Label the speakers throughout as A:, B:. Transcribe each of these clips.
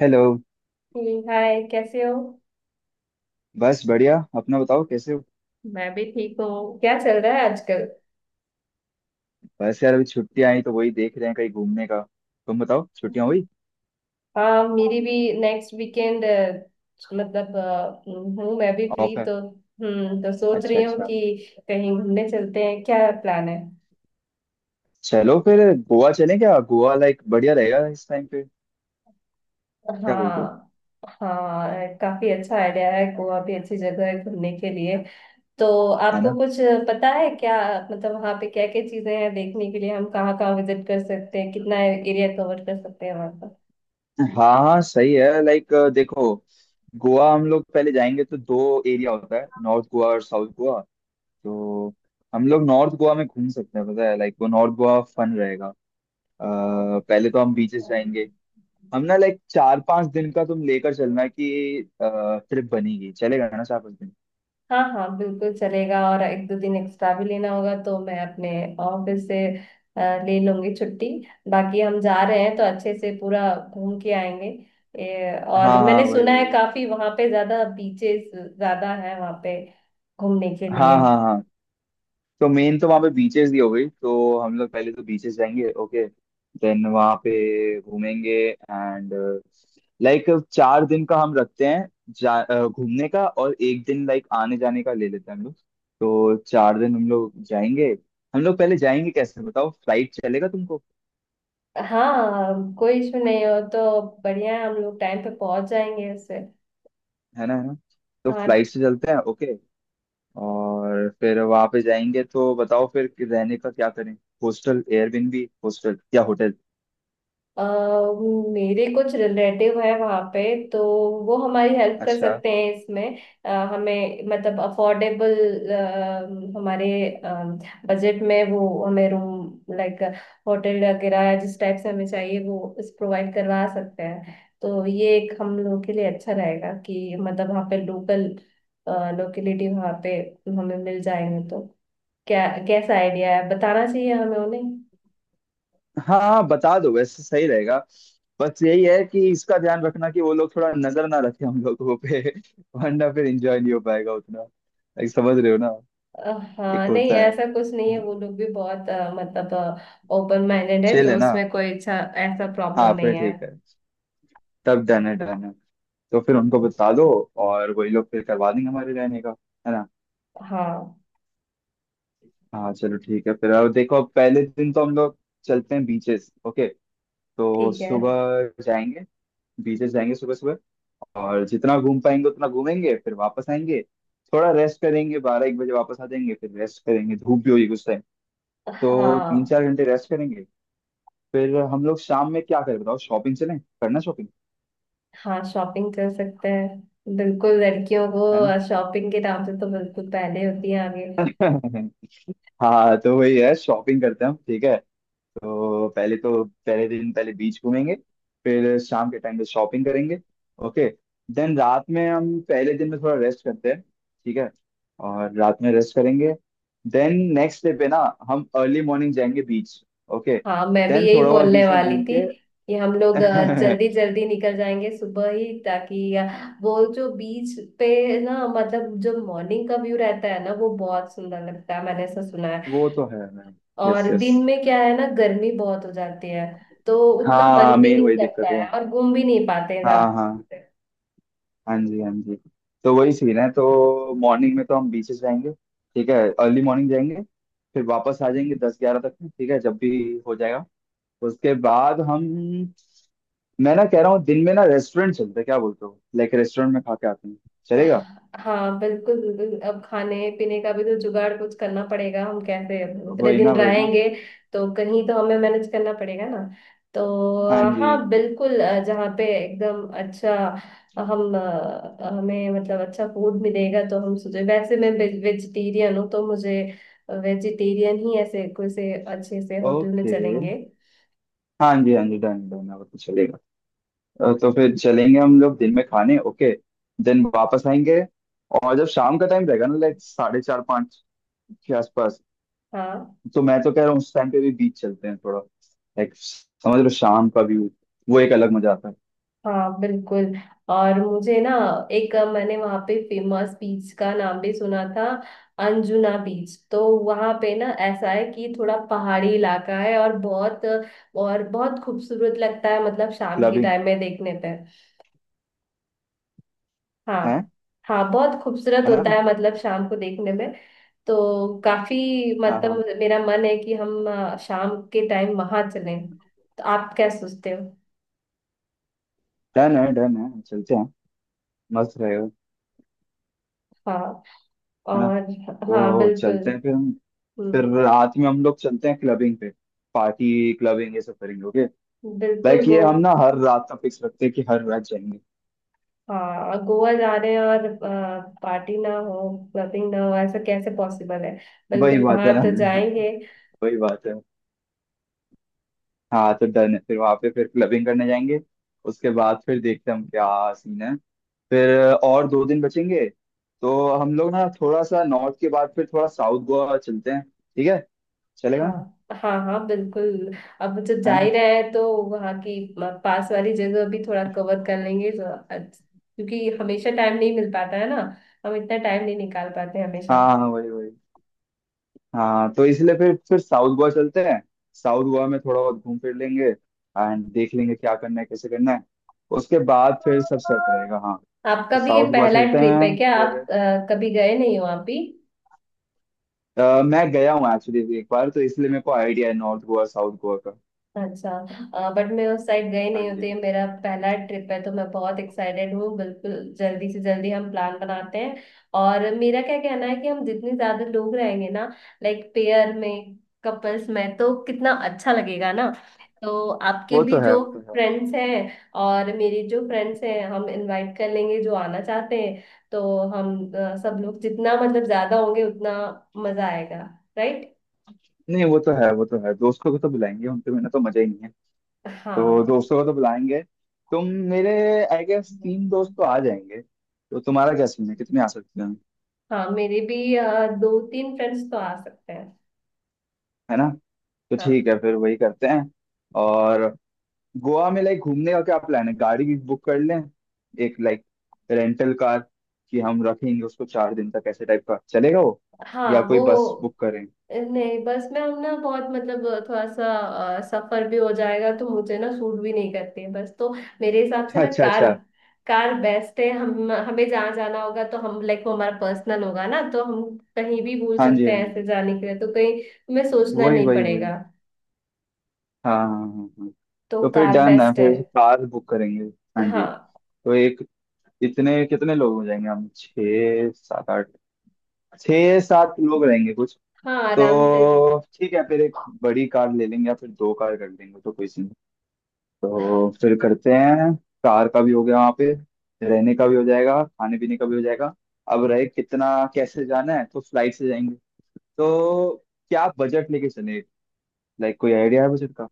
A: Hello.
B: ठीक। Hi, कैसे हो?
A: बस बढ़िया, अपना बताओ कैसे हो।
B: मैं भी ठीक हूँ। क्या चल रहा है आजकल?
A: बस यार अभी छुट्टियां आई तो वही देख रहे हैं कहीं घूमने का। तुम बताओ छुट्टियां हुई?
B: हाँ, मेरी भी। नेक्स्ट वीकेंड, मतलब हूँ, मैं भी फ्री
A: ऑफ है?
B: तो। तो सोच
A: अच्छा
B: रही हूँ
A: अच्छा।
B: कि कहीं घूमने चलते हैं। क्या प्लान है?
A: चलो फिर गोवा चलें क्या? गोवा लाइक बढ़िया रहेगा इस टाइम पे। क्या बोलते हो?
B: हाँ। हाँ, काफी अच्छा आइडिया है। गोवा भी अच्छी जगह है घूमने के लिए। तो
A: है
B: आपको
A: ना?
B: कुछ पता है क्या? मतलब, वहाँ पे क्या क्या चीजें हैं देखने के लिए, हम कहाँ कहाँ विजिट कर सकते हैं, कितना एरिया कवर कर सकते हैं वहाँ
A: हाँ हाँ सही है, लाइक देखो, गोवा हम लोग पहले जाएंगे तो दो एरिया होता है, नॉर्थ गोवा और साउथ गोवा। तो हम लोग नॉर्थ गोवा में घूम सकते हैं, पता है लाइक वो नॉर्थ गोवा फन रहेगा। पहले तो हम बीचेस
B: पर?
A: जाएंगे। हम ना लाइक 4 5 दिन का तुम लेकर चलना कि ट्रिप बनेगी, चलेगा ना 4 5 दिन?
B: हाँ हाँ, बिल्कुल चलेगा। और एक दो दिन एक्स्ट्रा भी लेना होगा तो मैं अपने ऑफिस से ले लूंगी छुट्टी। बाकी हम जा रहे हैं तो अच्छे से पूरा घूम के आएंगे। और
A: हाँ हाँ
B: मैंने
A: वही
B: सुना है
A: वही।
B: काफी वहाँ पे ज्यादा बीचेस, ज्यादा है वहाँ पे घूमने के
A: हाँ
B: लिए।
A: हाँ हाँ। तो मेन तो वहाँ पे बीचेस दी हो गई, तो हम लोग पहले तो बीचेस जाएंगे ओके। देन वहाँ पे घूमेंगे एंड लाइक 4 दिन का हम रखते हैं जा घूमने का, और एक दिन लाइक आने जाने का ले लेते हैं हम लोग। तो 4 दिन हम लोग जाएंगे। हम लोग पहले जाएंगे कैसे बताओ, फ्लाइट चलेगा तुमको?
B: हाँ, कोई इशू नहीं हो तो बढ़िया है। हम लोग टाइम पे पहुंच जाएंगे उससे।
A: है ना, है ना। तो फ्लाइट
B: हाँ।
A: से चलते हैं ओके। और फिर वहां पे जाएंगे तो बताओ फिर कि रहने का क्या करें, हॉस्टल एयरबिनबी हॉस्टल या होटल?
B: अ, मेरे कुछ रिलेटिव है वहाँ पे तो वो हमारी हेल्प कर
A: अच्छा।
B: सकते हैं इसमें। हमें मतलब अफोर्डेबल हमारे बजट में वो हमें रूम लाइक होटल वगैरह या जिस टाइप से हमें चाहिए वो इस प्रोवाइड करवा सकते हैं। तो ये एक हम लोगों के लिए अच्छा रहेगा कि मतलब वहाँ पे लोकल लोकेलिटी वहाँ पे हमें मिल जाएंगे तो क्या कैसा आइडिया है? बताना चाहिए हमें उन्हें।
A: हाँ हाँ बता दो, वैसे सही रहेगा। बस यही है कि इसका ध्यान रखना कि वो लोग थोड़ा नजर ना रखें हम लोगों पे वरना फिर एंजॉय नहीं हो पाएगा उतना। एक समझ रहे हो ना,
B: अ,
A: एक
B: हाँ, नहीं
A: होता है
B: ऐसा कुछ नहीं है। वो लोग भी बहुत मतलब ओपन माइंडेड है
A: चिल, है
B: तो
A: ना।
B: उसमें कोई अच्छा ऐसा
A: हाँ
B: प्रॉब्लम
A: फिर
B: नहीं है।
A: ठीक है। तब डन है डन है। तो फिर उनको बता दो, और वही लोग फिर करवा देंगे हमारे रहने का, है ना।
B: हाँ,
A: हाँ चलो ठीक है फिर। अब देखो पहले दिन तो हम लोग चलते हैं बीचेस ओके। तो
B: ठीक है।
A: सुबह जाएंगे, बीचेस जाएंगे सुबह सुबह, और जितना घूम पाएंगे उतना घूमेंगे, फिर वापस आएंगे, थोड़ा रेस्ट करेंगे, 12 1 बजे वापस आ जाएंगे, फिर रेस्ट करेंगे, धूप भी होगी कुछ टाइम, तो तीन
B: हाँ
A: चार घंटे रेस्ट करेंगे। फिर हम लोग शाम में क्या करें बताओ, शॉपिंग चलें, करना शॉपिंग,
B: हाँ, शॉपिंग कर सकते हैं बिल्कुल। लड़कियों को
A: है ना?
B: शॉपिंग के नाम से तो बिल्कुल पहले होती है आगे।
A: हाँ तो वही है, शॉपिंग करते हैं हम, ठीक है। तो पहले दिन पहले बीच घूमेंगे, फिर शाम के टाइम पे शॉपिंग करेंगे ओके। देन रात में हम पहले दिन में थोड़ा रेस्ट करते हैं, ठीक है, और रात में रेस्ट करेंगे। देन नेक्स्ट डे पे ना, हम अर्ली मॉर्निंग जाएंगे बीच ओके।
B: हाँ, मैं भी
A: देन
B: यही
A: थोड़ा बहुत
B: बोलने
A: बीच में
B: वाली
A: घूम
B: थी
A: के
B: कि हम लोग जल्दी जल्दी निकल जाएंगे सुबह ही, ताकि वो जो बीच पे ना, मतलब जो मॉर्निंग का व्यू रहता है ना, वो बहुत सुंदर लगता है। मैंने ऐसा सुना है।
A: वो तो है मैम। यस
B: और
A: यस।
B: दिन में क्या है ना, गर्मी बहुत हो जाती है तो उतना
A: हाँ
B: मन भी
A: मेन
B: नहीं
A: वही दिक्कत
B: करता
A: है।
B: है और घूम भी नहीं पाते हैं
A: हाँ हाँ।
B: ज्यादा।
A: हाँ जी हाँ जी। तो वही सीन है, तो मॉर्निंग में तो हम बीचेस जाएंगे, ठीक है, अर्ली मॉर्निंग जाएंगे, फिर वापस आ जाएंगे 10 11 तक में, ठीक है जब भी हो जाएगा। उसके बाद हम, मैं ना कह रहा हूँ दिन में ना रेस्टोरेंट चलते हैं, क्या बोलते हो, लाइक रेस्टोरेंट में खा के आते हैं, चलेगा?
B: हाँ बिल्कुल, बिल्कुल। अब खाने पीने का भी तो जुगाड़ कुछ करना पड़ेगा, हम कैसे इतने
A: वही ना
B: दिन
A: वही ना।
B: रहेंगे? तो कहीं तो हमें मैनेज करना पड़ेगा ना। तो
A: हाँ जी।
B: हाँ बिल्कुल। जहाँ पे एकदम अच्छा हम हमें मतलब अच्छा फूड मिलेगा तो हम सोचे। वैसे मैं वेजिटेरियन हूँ तो मुझे वेजिटेरियन ही ऐसे कोई से अच्छे से होटल में
A: ओके।
B: चलेंगे।
A: हाँ जी हाँ जी डन डन, वो तो चलेगा। तो फिर चलेंगे हम लोग दिन में खाने ओके। देन वापस आएंगे, और जब शाम का टाइम रहेगा ना लाइक साढ़े चार पाँच के आसपास,
B: हाँ
A: तो मैं तो कह रहा हूँ उस टाइम पे भी बीच चलते हैं थोड़ा, लाइक समझ लो शाम का व्यू, वो एक अलग मजा आता है।
B: हाँ बिल्कुल। और मुझे ना मैंने वहाँ पे फेमस बीच का नाम भी सुना था, अंजुना बीच। तो वहाँ पे ना ऐसा है कि थोड़ा पहाड़ी इलाका है और और बहुत खूबसूरत लगता है मतलब शाम के
A: क्लबिंग
B: टाइम में देखने पे।
A: है
B: हाँ। हाँ, बहुत खूबसूरत होता
A: ना।
B: है मतलब शाम को देखने में। तो काफी,
A: हाँ
B: मतलब
A: हाँ।
B: मेरा मन है कि हम शाम के टाइम वहां चलें। तो आप क्या सोचते हो?
A: डन है चलते हैं, मस्त रहेगा,
B: हाँ।
A: है ना।
B: और हाँ,
A: तो
B: बिल्कुल।
A: चलते हैं फिर हम। फिर
B: हम्म,
A: रात में हम लोग चलते हैं क्लबिंग पे, पार्टी क्लबिंग ये सब करेंगे ओके।
B: बिल्कुल
A: लाइक
B: गो।
A: ये हम ना हर रात का फिक्स रखते हैं कि हर रात जाएंगे।
B: हाँ, गोवा जा रहे हैं और पार्टी ना हो, क्लबिंग ना हो, ऐसा कैसे पॉसिबल है?
A: वही
B: बिल्कुल,
A: बात है
B: वहां
A: ना।
B: तो जाएंगे।
A: वही बात है। हाँ तो डन है, फिर वहां पे फिर क्लबिंग करने जाएंगे। उसके बाद फिर देखते हैं हम क्या सीन है फिर। और 2 दिन बचेंगे, तो हम लोग ना थोड़ा सा नॉर्थ के बाद फिर थोड़ा साउथ गोवा चलते हैं, ठीक है, चलेगा
B: हाँ
A: ना,
B: हाँ हाँ, बिल्कुल। अब जब
A: है
B: जा
A: ना।
B: ही रहे हैं तो वहाँ की पास वाली जगह भी थोड़ा कवर कर लेंगे तो क्योंकि हमेशा टाइम नहीं मिल पाता है ना। हम इतना टाइम नहीं निकाल पाते हैं हमेशा।
A: हाँ हाँ हाँ, वही वही। हाँ तो इसलिए फिर साउथ गोवा चलते हैं, साउथ गोवा में थोड़ा बहुत घूम फिर लेंगे, एंड देख लेंगे क्या करना है कैसे करना है, उसके बाद फिर सब सेट रहेगा। हाँ तो
B: आपका भी ये
A: साउथ गोवा
B: पहला
A: चलते
B: ट्रिप है
A: हैं
B: क्या?
A: फिर।
B: आप कभी गए नहीं हो आप भी?
A: मैं गया हूँ एक्चुअली एक बार, तो इसलिए मेरे को आइडिया है नॉर्थ गोवा साउथ गोवा का।
B: अच्छा। बट मैं उस साइड गई
A: हाँ
B: नहीं
A: जी।
B: होती, ये मेरा पहला ट्रिप है तो मैं बहुत एक्साइटेड हूँ बिल्कुल। जल्दी से जल्दी हम प्लान बनाते हैं। और मेरा क्या कहना है कि हम जितने ज्यादा लोग रहेंगे ना, लाइक पेयर में, कपल्स में, तो कितना अच्छा लगेगा ना। तो आपके
A: वो
B: भी
A: तो है
B: जो
A: वो तो है।
B: फ्रेंड्स हैं और मेरी जो फ्रेंड्स हैं हम इनवाइट कर लेंगे जो आना चाहते हैं। तो हम सब लोग जितना मतलब ज्यादा होंगे उतना मजा आएगा, राइट।
A: नहीं वो तो है वो तो है, दोस्तों को तो बुलाएंगे, उनके बिना तो मजा ही नहीं। तो
B: हाँ।
A: दोस्तों को तो बुलाएंगे। तुम मेरे, आई गेस तीन दोस्त तो आ जाएंगे, तो तुम्हारा क्या सीन है कितने आ सकते हैं?
B: हाँ, मेरे भी दो तीन फ्रेंड्स तो आ सकते हैं।
A: है ना। तो
B: हाँ
A: ठीक है फिर वही करते हैं। और गोवा में लाइक घूमने का क्या प्लान है, गाड़ी भी बुक कर लें एक लाइक रेंटल कार, कि हम रखेंगे उसको 4 दिन तक, ऐसे टाइप का चलेगा वो?
B: हाँ।
A: या कोई
B: वो
A: बस बुक करें?
B: नहीं, बस में हम ना बहुत मतलब थोड़ा सा सफर भी हो जाएगा तो मुझे ना सूट भी नहीं करती है बस तो। मेरे हिसाब से ना
A: अच्छा
B: कार।
A: अच्छा।
B: कार बेस्ट है। हम हमें जहाँ जाना होगा तो हम लाइक वो हमारा पर्सनल होगा ना तो हम कहीं भी भूल
A: हाँ जी
B: सकते
A: हाँ
B: हैं
A: जी,
B: ऐसे जाने के लिए तो कहीं हमें सोचना
A: वही
B: नहीं
A: वही वही,
B: पड़ेगा।
A: हाँ हाँ हाँ हाँ।
B: तो
A: तो फिर
B: कार
A: डन है,
B: बेस्ट है।
A: फिर कार बुक करेंगे। हाँ जी।
B: हाँ
A: तो एक, इतने कितने लोग हो जाएंगे हम, छः सात आठ, छः सात लोग रहेंगे कुछ।
B: हाँ, आराम से
A: तो ठीक है फिर एक बड़ी कार ले लेंगे, या फिर दो कार कर लेंगे तो कोई सीन नहीं। तो फिर करते हैं। कार का भी हो गया, वहाँ पे रहने का भी हो जाएगा, खाने पीने का भी हो जाएगा। अब रहे कितना, कैसे जाना है, तो फ्लाइट से जाएंगे। तो क्या बजट लेके चले, लाइक कोई आइडिया है बजट का?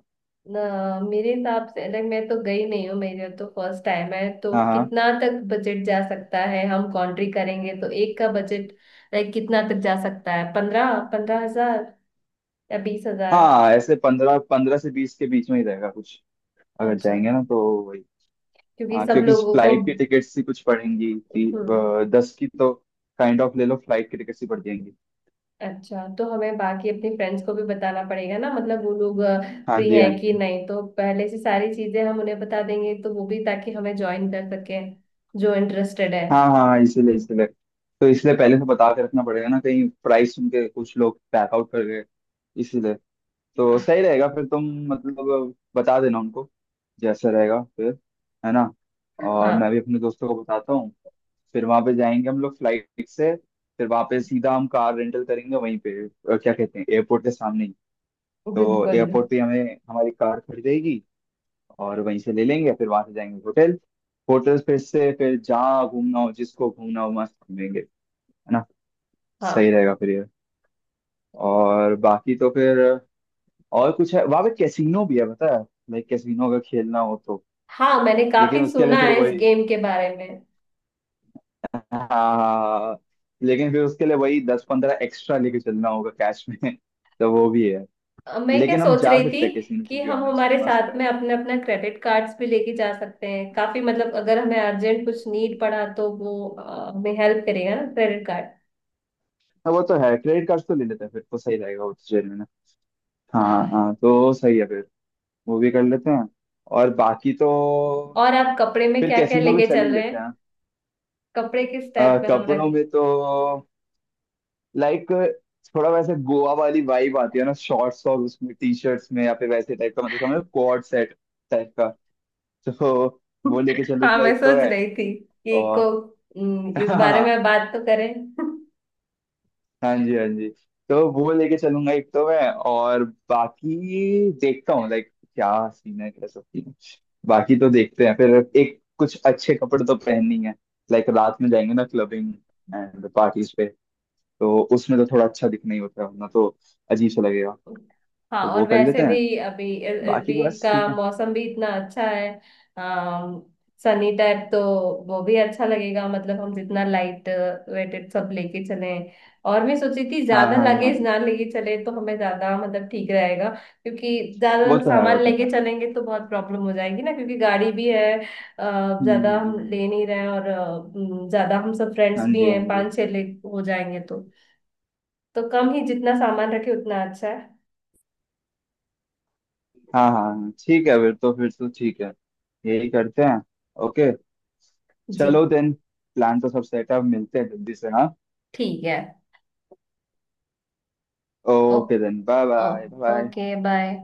B: ना। मेरे हिसाब से लाइक मैं तो गई नहीं हूँ, मेरा तो फर्स्ट टाइम है तो
A: हाँ हाँ।
B: कितना तक बजट जा सकता है? हम कंट्री करेंगे तो एक का बजट लाइक कितना तक जा सकता है? 15-15 हजार या 20 हजार?
A: हाँ ऐसे 15 15 से 20 के बीच में ही रहेगा कुछ अगर
B: अच्छा।
A: जाएंगे ना तो। वही।
B: क्योंकि
A: हाँ
B: सब
A: क्योंकि
B: लोगों को।
A: फ्लाइट की टिकट्स ही कुछ पड़ेंगी
B: हम्म।
A: 10 की तो, काइंड ऑफ ले लो, फ्लाइट की टिकट्स ही पड़ जाएंगी।
B: अच्छा, तो हमें बाकी अपने फ्रेंड्स को भी बताना पड़ेगा ना। मतलब वो लोग
A: हाँ
B: फ्री
A: जी हाँ
B: हैं कि
A: जी।
B: नहीं तो पहले से सारी चीजें हम उन्हें बता देंगे तो वो भी, ताकि हमें ज्वाइन कर सके जो इंटरेस्टेड है।
A: हाँ हाँ इसीलिए इसीलिए। तो इसलिए पहले से बता के रखना पड़ेगा ना, कहीं प्राइस सुन के कुछ लोग पैक आउट कर गए, इसीलिए। तो सही रहेगा फिर, तुम मतलब बता देना उनको जैसा रहेगा फिर, है ना। और मैं
B: हाँ
A: भी अपने दोस्तों को बताता हूँ। फिर वहां पे जाएंगे हम लोग फ्लाइट से, फिर वहां पे सीधा हम कार रेंटल करेंगे वहीं पे क्या कहते हैं एयरपोर्ट के सामने, तो
B: बिल्कुल।
A: एयरपोर्ट पे हमें हमारी कार खड़ी रहेगी, और वहीं से ले लेंगे, फिर वहां से जाएंगे होटल। होटल फिर से, फिर जहाँ घूमना हो जिसको घूमना हो मस्त घूमेंगे, है ना। सही
B: हाँ
A: रहेगा फिर ये। और बाकी तो फिर, और कुछ है वहां पे, कैसीनो भी है पता है, लाइक कैसीनो अगर खेलना हो तो।
B: हाँ, मैंने
A: लेकिन
B: काफी
A: उसके
B: सुना
A: लिए फिर
B: है इस
A: वही
B: गेम के बारे में।
A: हाँ हाँ, हाँ। लेकिन फिर उसके लिए वही 10 15 एक्स्ट्रा लेके चलना होगा कैश में तो वो भी है।
B: मैं क्या
A: लेकिन हम
B: सोच
A: जा
B: रही थी
A: सकते हैं कैसीनो टू
B: कि
A: बी
B: हम
A: ऑनेस्ट,
B: हमारे
A: मस्त
B: साथ में अपने अपना क्रेडिट कार्ड्स भी लेके जा सकते हैं
A: है।
B: काफी मतलब। अगर हमें अर्जेंट कुछ नीड पड़ा तो वो हमें हेल्प करेगा ना क्रेडिट कार्ड।
A: हाँ, वो तो है, क्रेडिट कार्ड तो ले लेते हैं फिर, तो सही रहेगा, वो तो जेल में ना। हाँ हाँ
B: हाँ,
A: तो सही है फिर, वो भी कर लेते हैं। और बाकी तो
B: और आप कपड़े में
A: फिर
B: क्या क्या
A: कैसीनो भी
B: लेके
A: चल
B: चल
A: ही
B: रहे
A: लेते हैं।
B: हैं? कपड़े किस टाइप में हम
A: कपड़ों
B: रखें?
A: में तो लाइक थोड़ा वैसे गोवा वाली वाइब आती है ना, शॉर्ट्स और उसमें टी शर्ट्स में, या फिर वैसे टाइप का, मतलब समझो कोड सेट टाइप का, तो वो लेके
B: हाँ,
A: चलूंगा
B: मैं
A: एक तो
B: सोच
A: है।
B: रही थी कि
A: और
B: को इस बारे में बात तो करें।
A: हाँ जी हाँ जी, तो वो लेके चलूंगा एक तो मैं, और बाकी देखता हूँ लाइक क्या सीन है कैसा सीन है, बाकी तो देखते हैं फिर। एक कुछ अच्छे कपड़े तो पहननी है, लाइक रात में जाएंगे ना क्लबिंग एंड पार्टीज पे, तो उसमें तो थोड़ा अच्छा दिखना ही होता है वरना तो अजीब सा लगेगा,
B: हाँ,
A: तो वो
B: और
A: कर
B: वैसे
A: लेते हैं,
B: भी अभी अभी
A: बाकी बस
B: का
A: ठीक है।
B: मौसम भी इतना अच्छा है। अम सनी टाइप तो वो भी अच्छा लगेगा। मतलब हम जितना लाइट वेटेड सब लेके चले, और मैं सोची थी
A: हाँ
B: ज्यादा
A: हाँ हाँ
B: लगेज
A: हाँ।
B: ना लेके चले तो हमें ज्यादा मतलब ठीक रहेगा। क्योंकि ज्यादा
A: वो तो है वो
B: सामान
A: तो
B: लेके
A: है।
B: चलेंगे तो बहुत प्रॉब्लम हो जाएगी ना, क्योंकि गाड़ी भी है।
A: हम्म
B: ज्यादा
A: हम्म,
B: हम
A: हम्म।
B: ले नहीं रहे हैं। और ज्यादा हम सब
A: हाँ
B: फ्रेंड्स भी
A: जी हाँ
B: हैं
A: जी।
B: पांच छह ले हो जाएंगे तो। तो कम ही जितना सामान रखे उतना अच्छा है।
A: हाँ हाँ हाँ, ठीक है फिर, तो फिर तो ठीक है, यही करते हैं ओके।
B: जी,
A: चलो देन, प्लान तो सब सेट है, अब मिलते हैं जल्दी से हाँ।
B: ठीक है। ओ,
A: ओके देन बाय
B: ओ,
A: बाय बाय।
B: Okay, bye.